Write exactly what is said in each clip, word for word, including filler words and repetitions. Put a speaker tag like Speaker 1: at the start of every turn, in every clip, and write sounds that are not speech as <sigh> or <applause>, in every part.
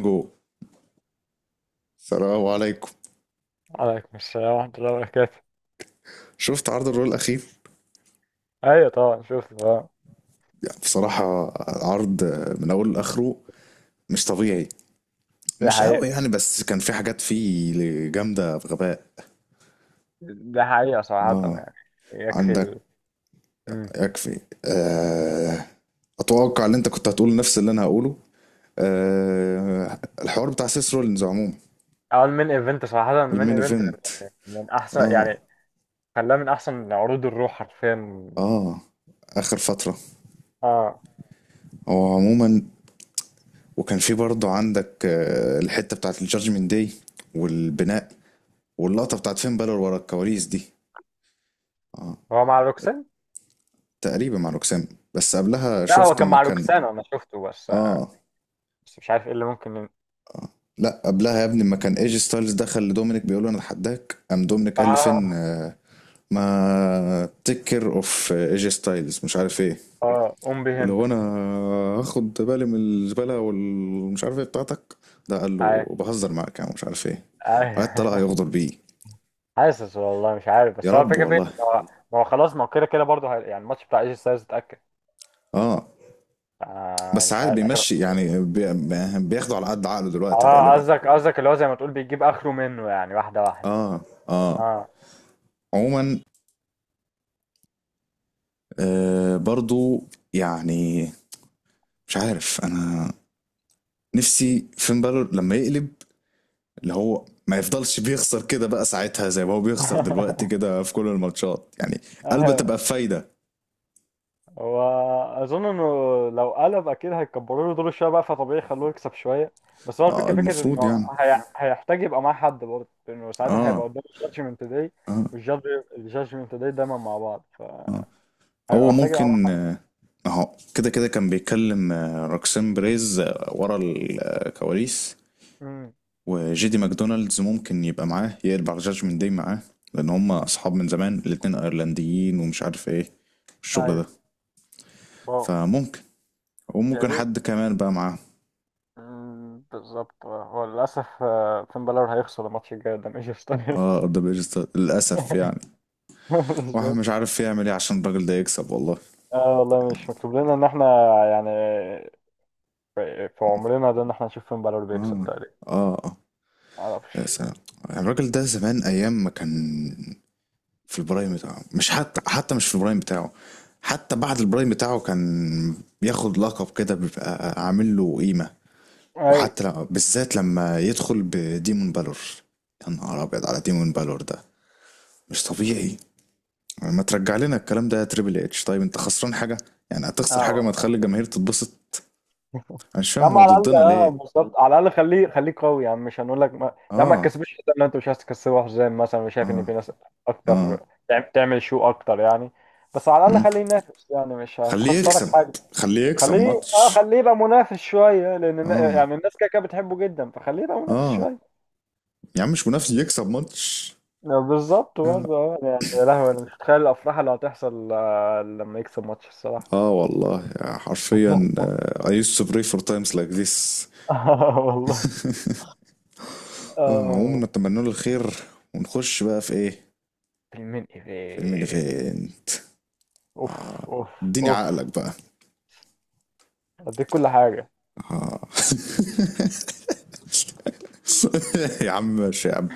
Speaker 1: جو، السلام عليكم.
Speaker 2: عليكم السلام ورحمة الله وبركاته.
Speaker 1: شفت عرض الرول الاخير؟
Speaker 2: أيوة طبعا شفت طبعا.
Speaker 1: بصراحه، عرض من اوله لاخره مش طبيعي.
Speaker 2: ده
Speaker 1: مش
Speaker 2: حقيقة.
Speaker 1: قوي يعني، بس كان في حاجات فيه جامده بغباء.
Speaker 2: ده حقيقة صراحة
Speaker 1: اه،
Speaker 2: يعني. يكفي
Speaker 1: عندك.
Speaker 2: ال مم.
Speaker 1: يكفي. آه، اتوقع ان انت كنت هتقول نفس اللي انا هقوله. آه، الحوار بتاع سيس رولينز عموما
Speaker 2: أول من إيفنت صراحة، من
Speaker 1: المين
Speaker 2: إيفنت
Speaker 1: ايفنت.
Speaker 2: من أحسن
Speaker 1: اه
Speaker 2: يعني. خلاه من أحسن عروض الروح حرفيا.
Speaker 1: اه، اخر فتره.
Speaker 2: آه،
Speaker 1: هو عموما وكان في برضه عندك آه، الحته بتاعت الجادجمنت داي والبناء واللقطة بتاعت فين بالور ورا الكواليس دي. اه،
Speaker 2: هو مع روكسان؟
Speaker 1: تقريبا مع روكسان. بس قبلها
Speaker 2: لا، هو
Speaker 1: شفت
Speaker 2: كان اه
Speaker 1: اما
Speaker 2: مع
Speaker 1: كان.
Speaker 2: روكسان، أنا شفته بس آه.
Speaker 1: اه.
Speaker 2: بس مش عارف إيه اللي ممكن ين-
Speaker 1: آه. لا قبلها يا ابني، اما كان ايجي ستايلز دخل لدومينيك بيقول له انا اتحداك، قام دومينيك قال لفين
Speaker 2: آه.
Speaker 1: آه، ما تكر اوف ايجي ستايلز مش عارف ايه،
Speaker 2: آه، قوم به
Speaker 1: اللي
Speaker 2: أنت.
Speaker 1: هو انا هاخد بالي من الزباله والمش عارف ايه بتاعتك، ده قال
Speaker 2: عارف،
Speaker 1: له بهزر معاك يعني مش عارف ايه. وقعد
Speaker 2: عارف
Speaker 1: طلع
Speaker 2: <laughs>
Speaker 1: يغدر بيه.
Speaker 2: حاسس والله مش عارف،
Speaker 1: يا
Speaker 2: بس هو
Speaker 1: رب
Speaker 2: الفكرة فين،
Speaker 1: والله.
Speaker 2: ما هو ما هو خلاص، ما هو كده كده برضه هي- يعني الماتش بتاع إيجي ستايلز اتأكد.
Speaker 1: اه.
Speaker 2: آه،
Speaker 1: بس
Speaker 2: مش
Speaker 1: عاد
Speaker 2: عارف.
Speaker 1: بيمشي يعني بي- بياخده على قد عقله دلوقتي
Speaker 2: اه،
Speaker 1: غالبا.
Speaker 2: قصدك، قصدك اللي هو زي ما تقول بيجيب اخره منه، يعني واحده واحده.
Speaker 1: اه اه.
Speaker 2: اه.
Speaker 1: عموما آه برضو، يعني مش عارف انا، نفسي فين بالور لما يقلب، اللي هو ما يفضلش بيخسر كده بقى ساعتها زي ما هو بيخسر دلوقتي
Speaker 2: <laughs>
Speaker 1: كده في كل الماتشات يعني. قلبه
Speaker 2: آه،
Speaker 1: تبقى بفايدة.
Speaker 2: هو اظن انه لو قلب اكيد هيكبروا له دور شويه بقى، فطبيعي يخلوه يكسب شويه. بس هو
Speaker 1: اه،
Speaker 2: الفكره، فكره
Speaker 1: المفروض
Speaker 2: انه
Speaker 1: يعني.
Speaker 2: هي... هيحتاج يبقى معاه حد برضه، لانه ساعتها هيبقى
Speaker 1: اه
Speaker 2: قدام الجادجمنت داي.
Speaker 1: اه
Speaker 2: والجادج، الجادجمنت داي دايما مع بعض،
Speaker 1: اه.
Speaker 2: فهيبقى
Speaker 1: هو
Speaker 2: محتاج يبقى معاه
Speaker 1: ممكن
Speaker 2: حد.
Speaker 1: آه، اهو كده كده كان بيتكلم آه، روكسين بريز آه، ورا الكواليس،
Speaker 2: امم.
Speaker 1: وجيدي ماكدونالدز ممكن يبقى معاه، يا البعجاج من داي معاه، لان هما اصحاب من زمان، الاتنين ايرلنديين ومش عارف ايه الشغل
Speaker 2: ايوه.
Speaker 1: ده.
Speaker 2: واو.
Speaker 1: فممكن،
Speaker 2: يا
Speaker 1: وممكن
Speaker 2: ريت.
Speaker 1: حد كمان بقى معاه.
Speaker 2: أمم، بالظبط. هو للاسف آه، فين بالور هيخسر الماتش الجاي قدام ايجي ستايلز.
Speaker 1: اه، ده بيرستا للاسف يعني. واحد
Speaker 2: <laughs>
Speaker 1: مش
Speaker 2: بالظبط.
Speaker 1: عارف يعمل ايه عشان الراجل ده يكسب والله،
Speaker 2: اه والله،
Speaker 1: يعني.
Speaker 2: مش مكتوب لنا ان احنا، يعني في في عمرنا ده ان احنا نشوف فين بلد اللي بيكسب
Speaker 1: اه
Speaker 2: تقريبا.
Speaker 1: اه اه. يا
Speaker 2: معرفش.
Speaker 1: سلام، الراجل ده زمان ايام ما كان في البرايم بتاعه، مش حتى حتى مش في البرايم بتاعه، حتى بعد البرايم بتاعه كان بياخد لقب كده بيبقى عامل له قيمة،
Speaker 2: اي.
Speaker 1: وحتى لما بالذات لما يدخل بديمون بالور. يا نهار ابيض على ديمون بالور ده، مش طبيعي. يعني ما ترجع لنا الكلام ده يا تريبل اتش، طيب انت خسران حاجه يعني؟ هتخسر
Speaker 2: اه
Speaker 1: حاجه ما
Speaker 2: والله.
Speaker 1: تخلي الجماهير تتبسط؟ انا مش
Speaker 2: يا
Speaker 1: فاهم
Speaker 2: عم
Speaker 1: هو
Speaker 2: على الاقل
Speaker 1: ضدنا
Speaker 2: اه
Speaker 1: ليه.
Speaker 2: بالظبط، على الاقل خليه، خليه قوي يعني. مش هنقول لك ما... يا عم ما
Speaker 1: اه
Speaker 2: تكسبش، حتى لو انت مش عايز تكسبه حزام مثلا، مش شايف
Speaker 1: اه
Speaker 2: ان في ناس
Speaker 1: اه.
Speaker 2: اكتر تعم- تعمل شو اكتر يعني. بس على الاقل
Speaker 1: مم.
Speaker 2: خليه ينافس، يعني مش
Speaker 1: خليه
Speaker 2: هتخسرك
Speaker 1: يكسب،
Speaker 2: حاجه.
Speaker 1: خليه يكسب
Speaker 2: خليه اه
Speaker 1: ماتش.
Speaker 2: خليه يبقى منافس شويه، لان النا-
Speaker 1: اه
Speaker 2: يعني الناس كده كده بتحبه جدا، فخليه يبقى منافس
Speaker 1: اه.
Speaker 2: شويه.
Speaker 1: يا عم مش منافس، يكسب ماتش.
Speaker 2: بالظبط
Speaker 1: يا-
Speaker 2: برضه اه، يعني يا لهوي انا مش متخيل الافراح اللي هتحصل آه، لما يكسب ماتش الصراحه.
Speaker 1: اه والله يا حرفيا
Speaker 2: <laughs>
Speaker 1: آه، I used to pray for times like this.
Speaker 2: آه والله.
Speaker 1: اه، عموما
Speaker 2: آه.
Speaker 1: نتمنى له الخير، ونخش بقى في ايه،
Speaker 2: المين
Speaker 1: فيلم
Speaker 2: ايفين.
Speaker 1: ايفنت.
Speaker 2: اوف.
Speaker 1: آه.
Speaker 2: اوف.
Speaker 1: اديني
Speaker 2: اوف.
Speaker 1: عقلك بقى.
Speaker 2: اديك كل حاجه.
Speaker 1: آه. <laughs> <applause> يا عم ماشي يا عم.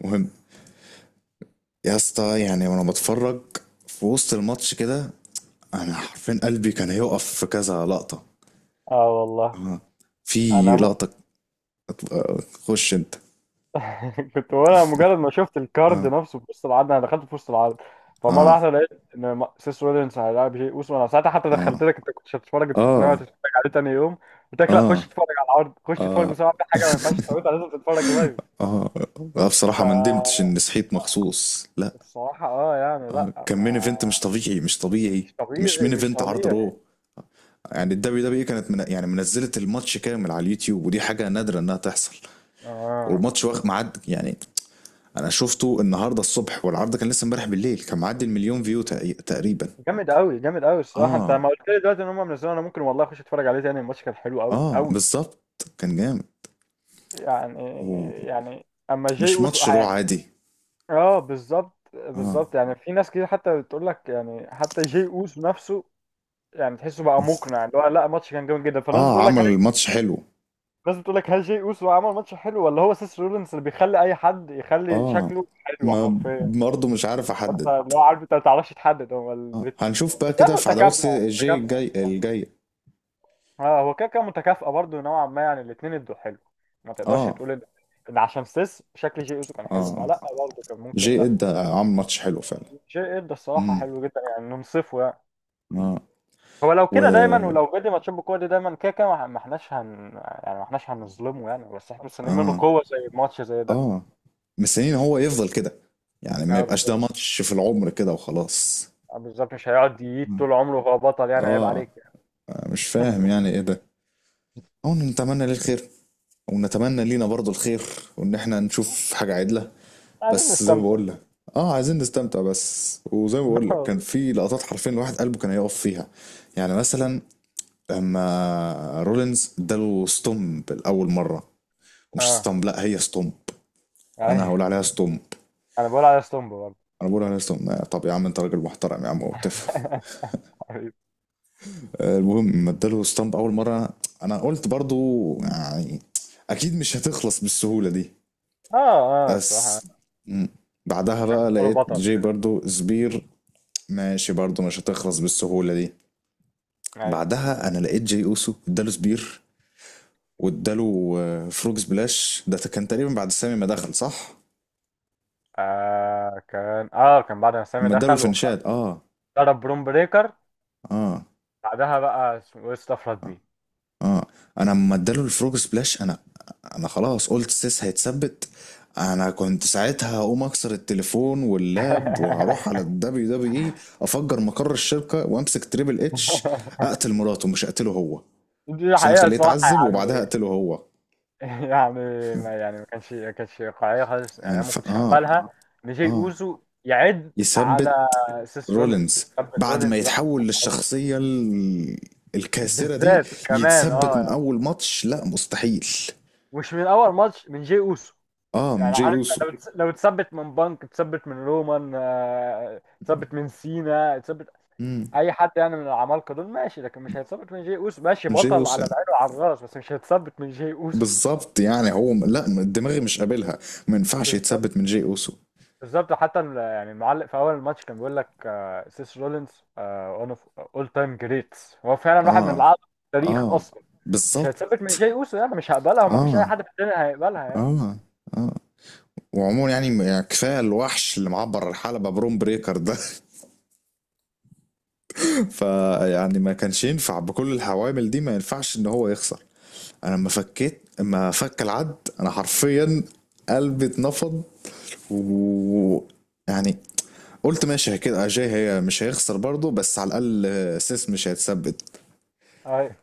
Speaker 1: مهم، يا اسطى، يعني وانا بتفرج في وسط الماتش كده، انا حرفيا قلبي كان هيقف في كذا لقطة.
Speaker 2: اه والله.
Speaker 1: آه. في
Speaker 2: انا م...
Speaker 1: لقطة آه، خش انت.
Speaker 2: <laughs> كنت وانا مجرد ما شفت الكارد
Speaker 1: اه
Speaker 2: نفسه في وسط العرض، انا دخلت في وسط العرض. فمره
Speaker 1: اه
Speaker 2: واحده لقيت ان م- سيس رولينز هيلاعب جي اوسو. انا ساعتها حتى
Speaker 1: اه
Speaker 2: دخلت لك انت، كنت هتتفرج انت، كنت ناوي
Speaker 1: اه
Speaker 2: تتفرج عليه تاني يوم، قلت لك لا،
Speaker 1: اه
Speaker 2: خش اتفرج على العرض، خش اتفرج
Speaker 1: اه
Speaker 2: بسرعه، في حاجه ما ينفعش تفوتها، لازم تتفرج لايف.
Speaker 1: اه. لا بصراحة ما ندمتش اني
Speaker 2: فالصراحة
Speaker 1: صحيت مخصوص، لا.
Speaker 2: اه يعني،
Speaker 1: آه.
Speaker 2: لا
Speaker 1: كان مين
Speaker 2: ما.
Speaker 1: ايفنت مش طبيعي، مش طبيعي،
Speaker 2: مش
Speaker 1: مش
Speaker 2: طبيعي،
Speaker 1: مين
Speaker 2: مش
Speaker 1: ايفنت، عرض
Speaker 2: طبيعي.
Speaker 1: رو. يعني الدبليو دبليو كانت من يعني منزله الماتش كامل على اليوتيوب، ودي حاجه نادره انها تحصل.
Speaker 2: اه
Speaker 1: والماتش واخد معد يعني. انا شفته النهارده الصبح، والعرض كان لسه امبارح بالليل، كان معدي المليون فيو تق- تقريبا.
Speaker 2: جامد قوي، جامد قوي الصراحة. انت
Speaker 1: اه
Speaker 2: ما قلت لي دلوقتي ان هم منزلين، انا ممكن والله اخش اتفرج عليه تاني. الماتش كان حلو قوي
Speaker 1: اه
Speaker 2: قوي.
Speaker 1: بالظبط، كان جامد.
Speaker 2: يعني.
Speaker 1: ومش
Speaker 2: يعني اما جي اوسو
Speaker 1: ماتش رو
Speaker 2: يعني،
Speaker 1: عادي.
Speaker 2: اه بالظبط
Speaker 1: اه
Speaker 2: بالظبط. يعني في ناس كتير حتى بتقول لك يعني، حتى جي اوسو نفسه يعني تحسه بقى مقنع، اللي هو لا، الماتش كان جامد جدا، فالناس
Speaker 1: اه،
Speaker 2: بتقول لك هل...
Speaker 1: عمل ماتش حلو.
Speaker 2: الناس بتقول لك هل جي اوسو عمل ماتش حلو، ولا هو سيس رولينز اللي بيخلي اي حد يخلي
Speaker 1: اه،
Speaker 2: شكله حلو
Speaker 1: ما
Speaker 2: حرفيا.
Speaker 1: برضه مش عارف
Speaker 2: انت
Speaker 1: احدد.
Speaker 2: اللي هو عارف، انت ما بتعرفش تحدد، هو ال...
Speaker 1: آه. هنشوف بقى
Speaker 2: بس هي
Speaker 1: كده في عداوات
Speaker 2: متكافئه،
Speaker 1: سي- جي
Speaker 2: متكافئه.
Speaker 1: الجاي الجايه.
Speaker 2: اه، هو كده كده متكافئه برضه نوعا ما يعني، الاثنين ادوا حلو. ما تقدرش
Speaker 1: اه
Speaker 2: تقول ان ان عشان سيس شكل جي اوسو كان
Speaker 1: اه.
Speaker 2: حلو، ما
Speaker 1: آه.
Speaker 2: لا، برضه كان ممكن
Speaker 1: جي
Speaker 2: لا.
Speaker 1: اد عمل ماتش حلو فعلا.
Speaker 2: جي ادى الصراحه
Speaker 1: امم.
Speaker 2: حلو جدا يعني، ننصفه يعني.
Speaker 1: اه.
Speaker 2: هو لو
Speaker 1: و
Speaker 2: كده دايما، ولو جدي ماتشات بالقوه دي دايما، كده كده ما ما احناش هن، يعني ما احناش هنظلمه يعني، بس احنا مستنيين منه
Speaker 1: اه
Speaker 2: قوه زي ماتش زي ده.
Speaker 1: اه، مستنيين هو يفضل كده، يعني ما
Speaker 2: اه
Speaker 1: يبقاش ده
Speaker 2: بالظبط.
Speaker 1: ماتش في العمر كده وخلاص.
Speaker 2: اه بالظبط، مش هيقعد ييت
Speaker 1: مم.
Speaker 2: طول عمره وهو بطل يعني، عيب
Speaker 1: اه،
Speaker 2: عليك. يعني.
Speaker 1: مش فاهم يعني ايه ده. او نتمنى ليه الخير، ونتمنى لينا برضو الخير، وان احنا نشوف
Speaker 2: <laughs>
Speaker 1: حاجة عدلة.
Speaker 2: عايزين
Speaker 1: بس زي ما
Speaker 2: نستمتع.
Speaker 1: بقول لك، اه عايزين نستمتع بس، وزي ما بقول لك كان
Speaker 2: <laughs>
Speaker 1: في لقطات حرفيا الواحد قلبه كان هيقف فيها. يعني مثلا لما رولينز اداله ستومب الاول مرة، مش
Speaker 2: اه.
Speaker 1: ستومب لا هي ستومب، انا هقول
Speaker 2: أيوة.
Speaker 1: عليها
Speaker 2: <laughs>
Speaker 1: ستومب،
Speaker 2: انا بقول على ستومبو برضه.
Speaker 1: انا بقول على اسطم. طب يا عم انت راجل محترم يا عم وبتفهم.
Speaker 2: <laughs> حبيبي.
Speaker 1: آه، المهم لما اداله ستامب اول مره، انا قلت برضو يعني اكيد مش هتخلص بالسهوله دي.
Speaker 2: اه. اه
Speaker 1: بس.
Speaker 2: الصراحه.
Speaker 1: مم. بعدها
Speaker 2: مش
Speaker 1: بقى
Speaker 2: هختاره
Speaker 1: لقيت
Speaker 2: بطل
Speaker 1: جاي
Speaker 2: كده.
Speaker 1: برضو سبير، ماشي برضو مش هتخلص بالسهوله دي.
Speaker 2: اي.
Speaker 1: بعدها انا لقيت جاي اوسو اداله سبير، واداله آه، فروج سبلاش، ده كان تقريبا بعد سامي ما دخل، صح؟
Speaker 2: آه، كان اه كان بعد ما سامي
Speaker 1: اما اداله
Speaker 2: دخل وخ-
Speaker 1: الفنشات، اه
Speaker 2: ضرب بروم بريكر.
Speaker 1: اه
Speaker 2: بعدها بقى اسمه ايه استفرد بيه.
Speaker 1: اه. انا اما اداله الفروج سبلاش، انا، انا خلاص قلت سيس هيتثبت. انا كنت ساعتها هقوم اكسر التليفون واللاب، وهروح على
Speaker 2: <laughs>
Speaker 1: الدبليو دبليو اي افجر مقر الشركه، وامسك تريبل اتش، اقتل مراته مش اقتله هو
Speaker 2: دي
Speaker 1: عشان
Speaker 2: الحقيقه
Speaker 1: اخليه
Speaker 2: الصراحه
Speaker 1: يتعذب وبعدها
Speaker 2: يعني.
Speaker 1: اقتله هو،
Speaker 2: يعني ما، يعني ما كانش، ما كانش واقعيه خالص
Speaker 1: ما
Speaker 2: يعني، انا ما
Speaker 1: ينفع
Speaker 2: كنتش
Speaker 1: اه
Speaker 2: هقبلها ان جاي
Speaker 1: اه
Speaker 2: اوزو يعد على
Speaker 1: يثبت
Speaker 2: سيس رولينز،
Speaker 1: رولينز
Speaker 2: ساب
Speaker 1: بعد ما
Speaker 2: رولينز ده،
Speaker 1: يتحول للشخصيه ال- الكاسره دي.
Speaker 2: بالذات كمان
Speaker 1: يتثبت من
Speaker 2: اه.
Speaker 1: اول ماتش؟ لا مستحيل.
Speaker 2: مش من اول ماتش، من جي اوسو.
Speaker 1: اه، من
Speaker 2: يعني
Speaker 1: جاي
Speaker 2: عارف
Speaker 1: اوسو.
Speaker 2: انت، لو تس- لو تثبت من بانك، تثبت من رومان آه، تثبت من سينا، تثبت
Speaker 1: امم،
Speaker 2: اي حد يعني من العمالقه دول ماشي، لكن مش هيتثبت من جي اوسو. ماشي،
Speaker 1: من جاي
Speaker 2: بطل
Speaker 1: اوسو
Speaker 2: على
Speaker 1: يعني.
Speaker 2: العين وعلى الراس، بس مش هيتثبت من جي اوسو.
Speaker 1: بالظبط يعني، هو م- لا دماغي مش قابلها، ما ينفعش
Speaker 2: بالظبط،
Speaker 1: يتثبت من جي اوسو.
Speaker 2: بالظبط حتى ال- يعني المعلق في اول الماتش كان بيقول لك آه، سيس رولينز وان اوف اول تايم جريتس، هو فعلا واحد من
Speaker 1: اه
Speaker 2: الاعظم في التاريخ
Speaker 1: اه
Speaker 2: اصلا. مش
Speaker 1: بالظبط.
Speaker 2: هيتثبت من جي اوسو يعني، مش هقبلها، ومفيش اي
Speaker 1: اه
Speaker 2: حد في الدنيا هيقبلها يعني.
Speaker 1: اه اه. وعموما يعني م- يعني كفايه الوحش اللي معبر الحلبه بروم بريكر ده. <laughs> فيعني ما كانش ينفع بكل العوامل دي ما ينفعش ان هو يخسر. انا لما فكيت، لما فك العد، انا حرفيا قلبي اتنفض. و يعني، قلت ماشي كده اجاي هي مش هيخسر برضه، بس على الاقل سيس مش هيتثبت.
Speaker 2: أي-.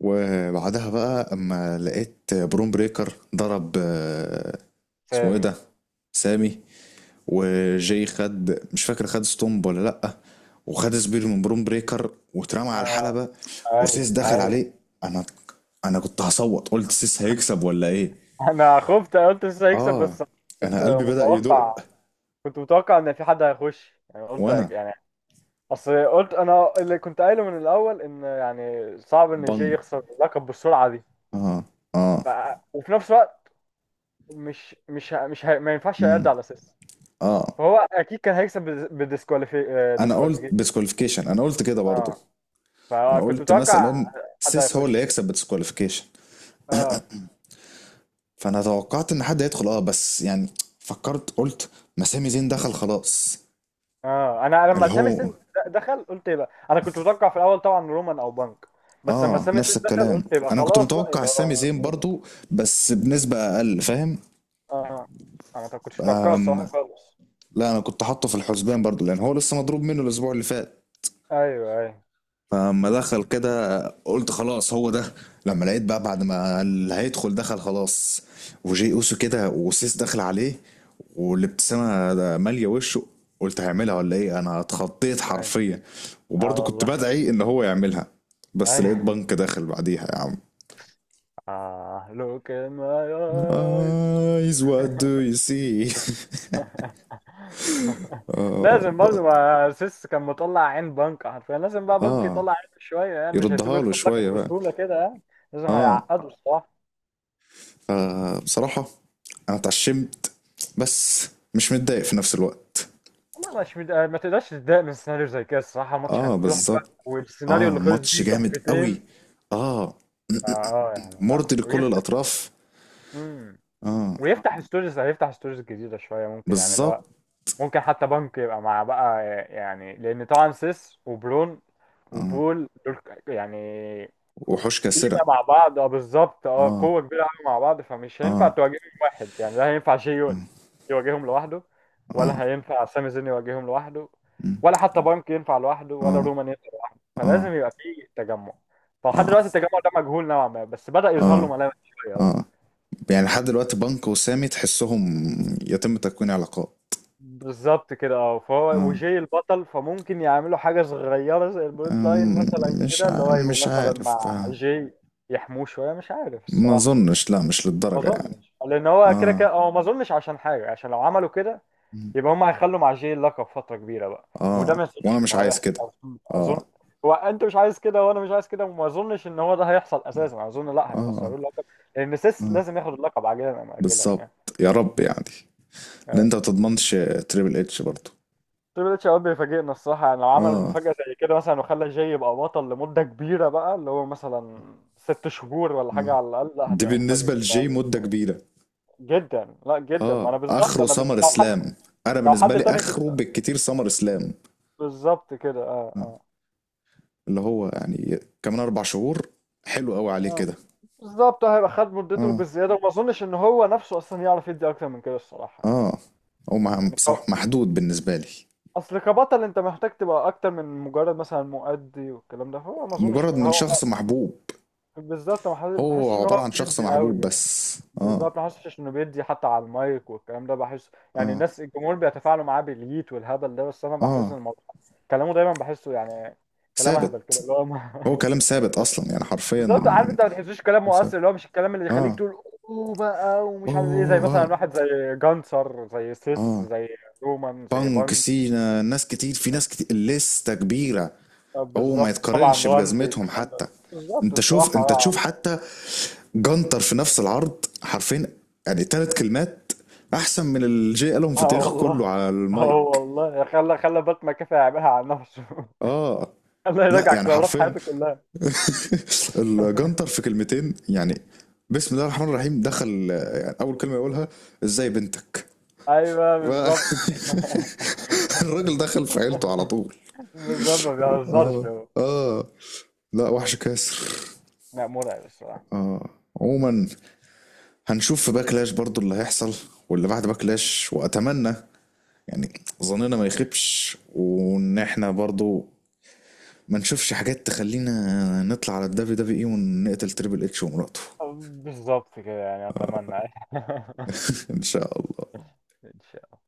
Speaker 1: وبعدها بقى اما لقيت بروم بريكر ضرب آه، اسمه ايه
Speaker 2: سامي.
Speaker 1: ده، سامي، وجاي خد، مش فاكر خد ستومب ولا لأ، وخد سبير من بروم بريكر واترمى على
Speaker 2: آه،
Speaker 1: الحلبة.
Speaker 2: ايوه
Speaker 1: وسيس دخل
Speaker 2: ايوه.
Speaker 1: عليه. انا، انا كنت هصوت، قلت سيس هيكسب ولا ايه.
Speaker 2: انا خفت، أنا قلت لسه هيكسب،
Speaker 1: اه،
Speaker 2: بس كنت
Speaker 1: انا قلبي بدأ
Speaker 2: متوقع،
Speaker 1: يدق.
Speaker 2: كنت متوقع ان في حد هيخش يعني. قلت أك-
Speaker 1: وانا.
Speaker 2: يعني اصل قلت انا، اللي كنت قايله من الاول، ان يعني صعب ان جاي
Speaker 1: بنج.
Speaker 2: يخسر اللقب بالسرعه دي.
Speaker 1: اه اه.
Speaker 2: ف... وفي نفس الوقت مش مش ه- مش ه... ما ينفعش يرد
Speaker 1: مم.
Speaker 2: على اساس.
Speaker 1: اه،
Speaker 2: فهو اكيد كان هيكسب بالديسكواليفي،
Speaker 1: انا قلت
Speaker 2: ديسكواليفيكيشن.
Speaker 1: بسكواليفيكيشن، انا قلت كده برضه.
Speaker 2: اه
Speaker 1: انا
Speaker 2: فكنت
Speaker 1: قلت
Speaker 2: متوقع
Speaker 1: مثلا
Speaker 2: حد
Speaker 1: سيس هو اللي
Speaker 2: هيخش.
Speaker 1: هيكسب بسكواليفيكيشن.
Speaker 2: اه
Speaker 1: فانا توقعت ان حد هيدخل اه، بس يعني فكرت قلت ما سامي زين دخل خلاص،
Speaker 2: اه، انا
Speaker 1: اللي
Speaker 2: لما سامي سن
Speaker 1: هو.
Speaker 2: د- دخل، قلت يبقى، انا كنت متوقع في الاول طبعا رومان او بنك، بس لما
Speaker 1: اه،
Speaker 2: سامي سن
Speaker 1: نفس
Speaker 2: دخل
Speaker 1: الكلام
Speaker 2: قلت يبقى
Speaker 1: انا كنت
Speaker 2: خلاص بقى،
Speaker 1: متوقع
Speaker 2: يبقى
Speaker 1: سامي
Speaker 2: اه.
Speaker 1: زين برضو، بس بنسبة اقل، فاهم.
Speaker 2: آه، انا ما كنتش متوقعه
Speaker 1: أم.
Speaker 2: الصراحه خالص.
Speaker 1: لا انا كنت حاطه في الحسبان برضو لان هو لسه مضروب منه الاسبوع اللي فات.
Speaker 2: ايوه ايوه.
Speaker 1: فلما دخل كده قلت خلاص هو ده. لما لقيت بقى بعد ما اللي هيدخل دخل خلاص، وجي اوسو كده، وسيس دخل عليه والابتسامه ده ماليه وشه، قلت هيعملها ولا ايه، انا اتخضيت
Speaker 2: ايوه.
Speaker 1: حرفيا.
Speaker 2: اه
Speaker 1: وبرضه كنت
Speaker 2: والله.
Speaker 1: بدعي ان هو يعملها. بس لقيت
Speaker 2: ايوه. <laughs>
Speaker 1: بنك داخل بعديها يا عم.
Speaker 2: اه look in my eyes.
Speaker 1: eyes what do you see.
Speaker 2: <laughs>
Speaker 1: اه,
Speaker 2: لازم برضه،
Speaker 1: ب-
Speaker 2: ما سيس كان مطلع عين بنك حرفيا، لازم بقى بنك
Speaker 1: آه،
Speaker 2: يطلع عين شويه يعني، مش هيسيبه
Speaker 1: يردها له
Speaker 2: يكسب
Speaker 1: شويه
Speaker 2: لقب
Speaker 1: بقى.
Speaker 2: بسهوله كده يعني. لازم
Speaker 1: اه،
Speaker 2: هيعقده الصراحه.
Speaker 1: فبصراحة أنا اتعشمت، بس مش متضايق في نفس الوقت.
Speaker 2: والله مش مد... ما تقدرش تتضايق من سيناريو زي كده الصراحه. الماتش
Speaker 1: اه
Speaker 2: كان تحفه،
Speaker 1: بالظبط.
Speaker 2: والسيناريو
Speaker 1: اه
Speaker 2: اللي خلص
Speaker 1: ماتش
Speaker 2: بيه
Speaker 1: جامد
Speaker 2: تحفتين.
Speaker 1: قوي. اه،
Speaker 2: اه آه، يعني لا،
Speaker 1: مرضي لكل
Speaker 2: ويفتح.
Speaker 1: الأطراف.
Speaker 2: امم.
Speaker 1: اه
Speaker 2: ويفتح ستوريز، هيفتح ستوريز جديده شويه ممكن يعني، اللي هو
Speaker 1: بالظبط.
Speaker 2: ممكن حتى بنك يبقى مع بقى، يعني لان طبعا سيس وبرون
Speaker 1: اه،
Speaker 2: وبول دول، يعني
Speaker 1: وحوش
Speaker 2: قيمة
Speaker 1: كاسرة.
Speaker 2: مع بعض. اه بالظبط، اه
Speaker 1: اه
Speaker 2: قوة كبيرة قوي مع بعض، فمش هينفع
Speaker 1: اه
Speaker 2: تواجههم واحد يعني، لا هينفع شيء
Speaker 1: اه
Speaker 2: يواجههم لوحده،
Speaker 1: اه.
Speaker 2: ولا هينفع سامي زين يواجههم لوحده،
Speaker 1: مم.
Speaker 2: ولا حتى بانك ينفع لوحده، ولا
Speaker 1: اه
Speaker 2: رومان ينفع لوحده،
Speaker 1: اه
Speaker 2: فلازم يبقى فيه تجمع. فلحد
Speaker 1: اه
Speaker 2: دلوقتي التجمع ده مجهول نوعا ما، بس بدأ يظهر له
Speaker 1: اه
Speaker 2: ملامح شوية بقى.
Speaker 1: اه. يعني لحد دلوقتي بانكو وسامي تحسهم يتم تكوين علاقات.
Speaker 2: بالظبط كده اه. فهو
Speaker 1: اه.
Speaker 2: وجي البطل، فممكن يعملوا حاجة صغيرة زي البوليت لاين
Speaker 1: أم،
Speaker 2: مثلا
Speaker 1: مش
Speaker 2: كده، اللي
Speaker 1: ع...
Speaker 2: هو يبقوا
Speaker 1: مش
Speaker 2: مثلا
Speaker 1: عارف
Speaker 2: مع
Speaker 1: بقى.
Speaker 2: جي، يحموه شوية، مش عارف
Speaker 1: ما
Speaker 2: الصراحة.
Speaker 1: اظنش، لا مش
Speaker 2: ما
Speaker 1: للدرجة يعني.
Speaker 2: اظنش، لان هو كده
Speaker 1: اه.
Speaker 2: كده هو، ما اظنش عشان حاجه، عشان لو عملوا كده
Speaker 1: مم.
Speaker 2: يبقى هم هيخلوا مع جي اللقب فتره كبيره بقى، وده
Speaker 1: اه،
Speaker 2: ما
Speaker 1: وانا
Speaker 2: اظنش
Speaker 1: مش
Speaker 2: انه
Speaker 1: عايز
Speaker 2: هيحصل،
Speaker 1: كده.
Speaker 2: اظن. أظن-.
Speaker 1: اه
Speaker 2: هو انت مش عايز كده، وانا مش عايز كده، وما اظنش ان هو ده هيحصل اساسا، اظن لا
Speaker 1: اه
Speaker 2: هيخسروه اللقب، لان سيس
Speaker 1: اه
Speaker 2: لازم ياخد اللقب عاجلا ام اجلا يعني.
Speaker 1: بالظبط. يا رب يعني. لان
Speaker 2: أي.
Speaker 1: انت ما تضمنش تريبل اتش برضه.
Speaker 2: تريبل اتش اوقات بيفاجئنا الصراحه يعني، لو عمل
Speaker 1: اه
Speaker 2: مفاجاه زي كده مثلا وخلى جي يبقى بطل لمده كبيره بقى، اللي هو مثلا ست شهور ولا حاجه
Speaker 1: اه.
Speaker 2: على الاقل، لا
Speaker 1: دي
Speaker 2: هتبقى مفاجاه
Speaker 1: بالنسبه
Speaker 2: كده
Speaker 1: لجي
Speaker 2: أوي.
Speaker 1: مده كبيره.
Speaker 2: جدا، لا جدا، ما
Speaker 1: اه،
Speaker 2: انا بالظبط،
Speaker 1: اخره
Speaker 2: انا ب...
Speaker 1: سمر
Speaker 2: لو حد،
Speaker 1: اسلام. انا
Speaker 2: لو
Speaker 1: بالنسبه
Speaker 2: حد
Speaker 1: لي
Speaker 2: تاني كنت.
Speaker 1: اخره بالكتير سمر اسلام.
Speaker 2: بالظبط كده
Speaker 1: آه.
Speaker 2: اه.
Speaker 1: اللي هو يعني كمان اربع شهور حلو قوي عليه
Speaker 2: آه.
Speaker 1: كده.
Speaker 2: بالظبط هيبقى خد مدته
Speaker 1: اه
Speaker 2: بالزياده، وما اظنش ان هو نفسه اصلا يعرف يدي اكتر من كده الصراحه يعني.
Speaker 1: اه. هو مع-
Speaker 2: يعني ك-.
Speaker 1: بصراحه محدود بالنسبه لي.
Speaker 2: اصل كبطل انت محتاج تبقى اكتر من مجرد مثلا مؤدي والكلام ده، فهو ما اظنش إن
Speaker 1: مجرد من
Speaker 2: هو.
Speaker 1: شخص محبوب.
Speaker 2: بالظبط، ما حس- ما بحسش
Speaker 1: هو
Speaker 2: ان
Speaker 1: عباره
Speaker 2: هو
Speaker 1: عن شخص
Speaker 2: بيدي قوي
Speaker 1: محبوب
Speaker 2: يعني.
Speaker 1: بس. اه
Speaker 2: بالظبط، ما حسش انه بيدي حتى على المايك والكلام ده، بحس يعني
Speaker 1: اه
Speaker 2: الناس، الجمهور بيتفاعلوا معاه بالييت والهبل ده، بس انا بحس
Speaker 1: اه.
Speaker 2: ان الموضوع كلامه دايما بحسه يعني كلام اهبل كده
Speaker 1: ثابت.
Speaker 2: اللي هو.
Speaker 1: هو
Speaker 2: <laughs>
Speaker 1: كلام ثابت اصلا يعني حرفيا
Speaker 2: بالظبط، عارف انت ما تحسوش كلام مؤثر،
Speaker 1: ثابت.
Speaker 2: اللي هو مش الكلام اللي يخليك
Speaker 1: اه.
Speaker 2: تقول اوه بقى، ومش عارف ايه، زي
Speaker 1: اوه
Speaker 2: مثلا
Speaker 1: اه.
Speaker 2: واحد زي جانسر، زي سيس،
Speaker 1: اه.
Speaker 2: زي رومان، زي
Speaker 1: بانك،
Speaker 2: بانج
Speaker 1: سينا، ناس كتير، في ناس كتير لسه كبيره.
Speaker 2: آه،
Speaker 1: هو ما
Speaker 2: بالظبط طبعا،
Speaker 1: يتقارنش
Speaker 2: رمزي
Speaker 1: بجزمتهم
Speaker 2: الكلام
Speaker 1: حتى.
Speaker 2: ده، بالظبط
Speaker 1: انت شوف،
Speaker 2: الصراحة
Speaker 1: انت تشوف
Speaker 2: اه.
Speaker 1: حتى جنتر في نفس العرض حرفيا، يعني ثلاث كلمات احسن من اللي جاي قالهم
Speaker 2: يا عم.
Speaker 1: في
Speaker 2: آه
Speaker 1: تاريخه كله
Speaker 2: والله.
Speaker 1: على
Speaker 2: اه
Speaker 1: المايك.
Speaker 2: والله، خلى خلى بات مكافي يعملها على نفسه.
Speaker 1: اه.
Speaker 2: <laughs> خلى
Speaker 1: لا
Speaker 2: يراجع
Speaker 1: يعني
Speaker 2: قرارات
Speaker 1: حرفيا،
Speaker 2: حياته كلها.
Speaker 1: <laughs> الجنتر
Speaker 2: <laughs>
Speaker 1: في كلمتين يعني، بسم الله الرحمن الرحيم دخل يعني اول كلمه يقولها ازاي بنتك.
Speaker 2: ايوه بالظبط كده.
Speaker 1: ف-
Speaker 2: <laughs>
Speaker 1: <laughs> الراجل دخل في عيلته على طول.
Speaker 2: بالظبط ما بيهزرش
Speaker 1: اه
Speaker 2: هو.
Speaker 1: اه. لا وحش كاسر.
Speaker 2: لا مرعب الصراحة.
Speaker 1: اه. عموما هنشوف في باكلاش برضو اللي هيحصل، واللي بعد باكلاش. واتمنى يعني ظننا ما يخيبش، وان احنا برضو ما نشوفش حاجات تخلينا نطلع على الدبليو دبليو اي ونقتل تريبل اتش ومراته.
Speaker 2: بالظبط كده يعني، اتمنى. <laughs>
Speaker 1: <laughs> ان شاء الله.
Speaker 2: ان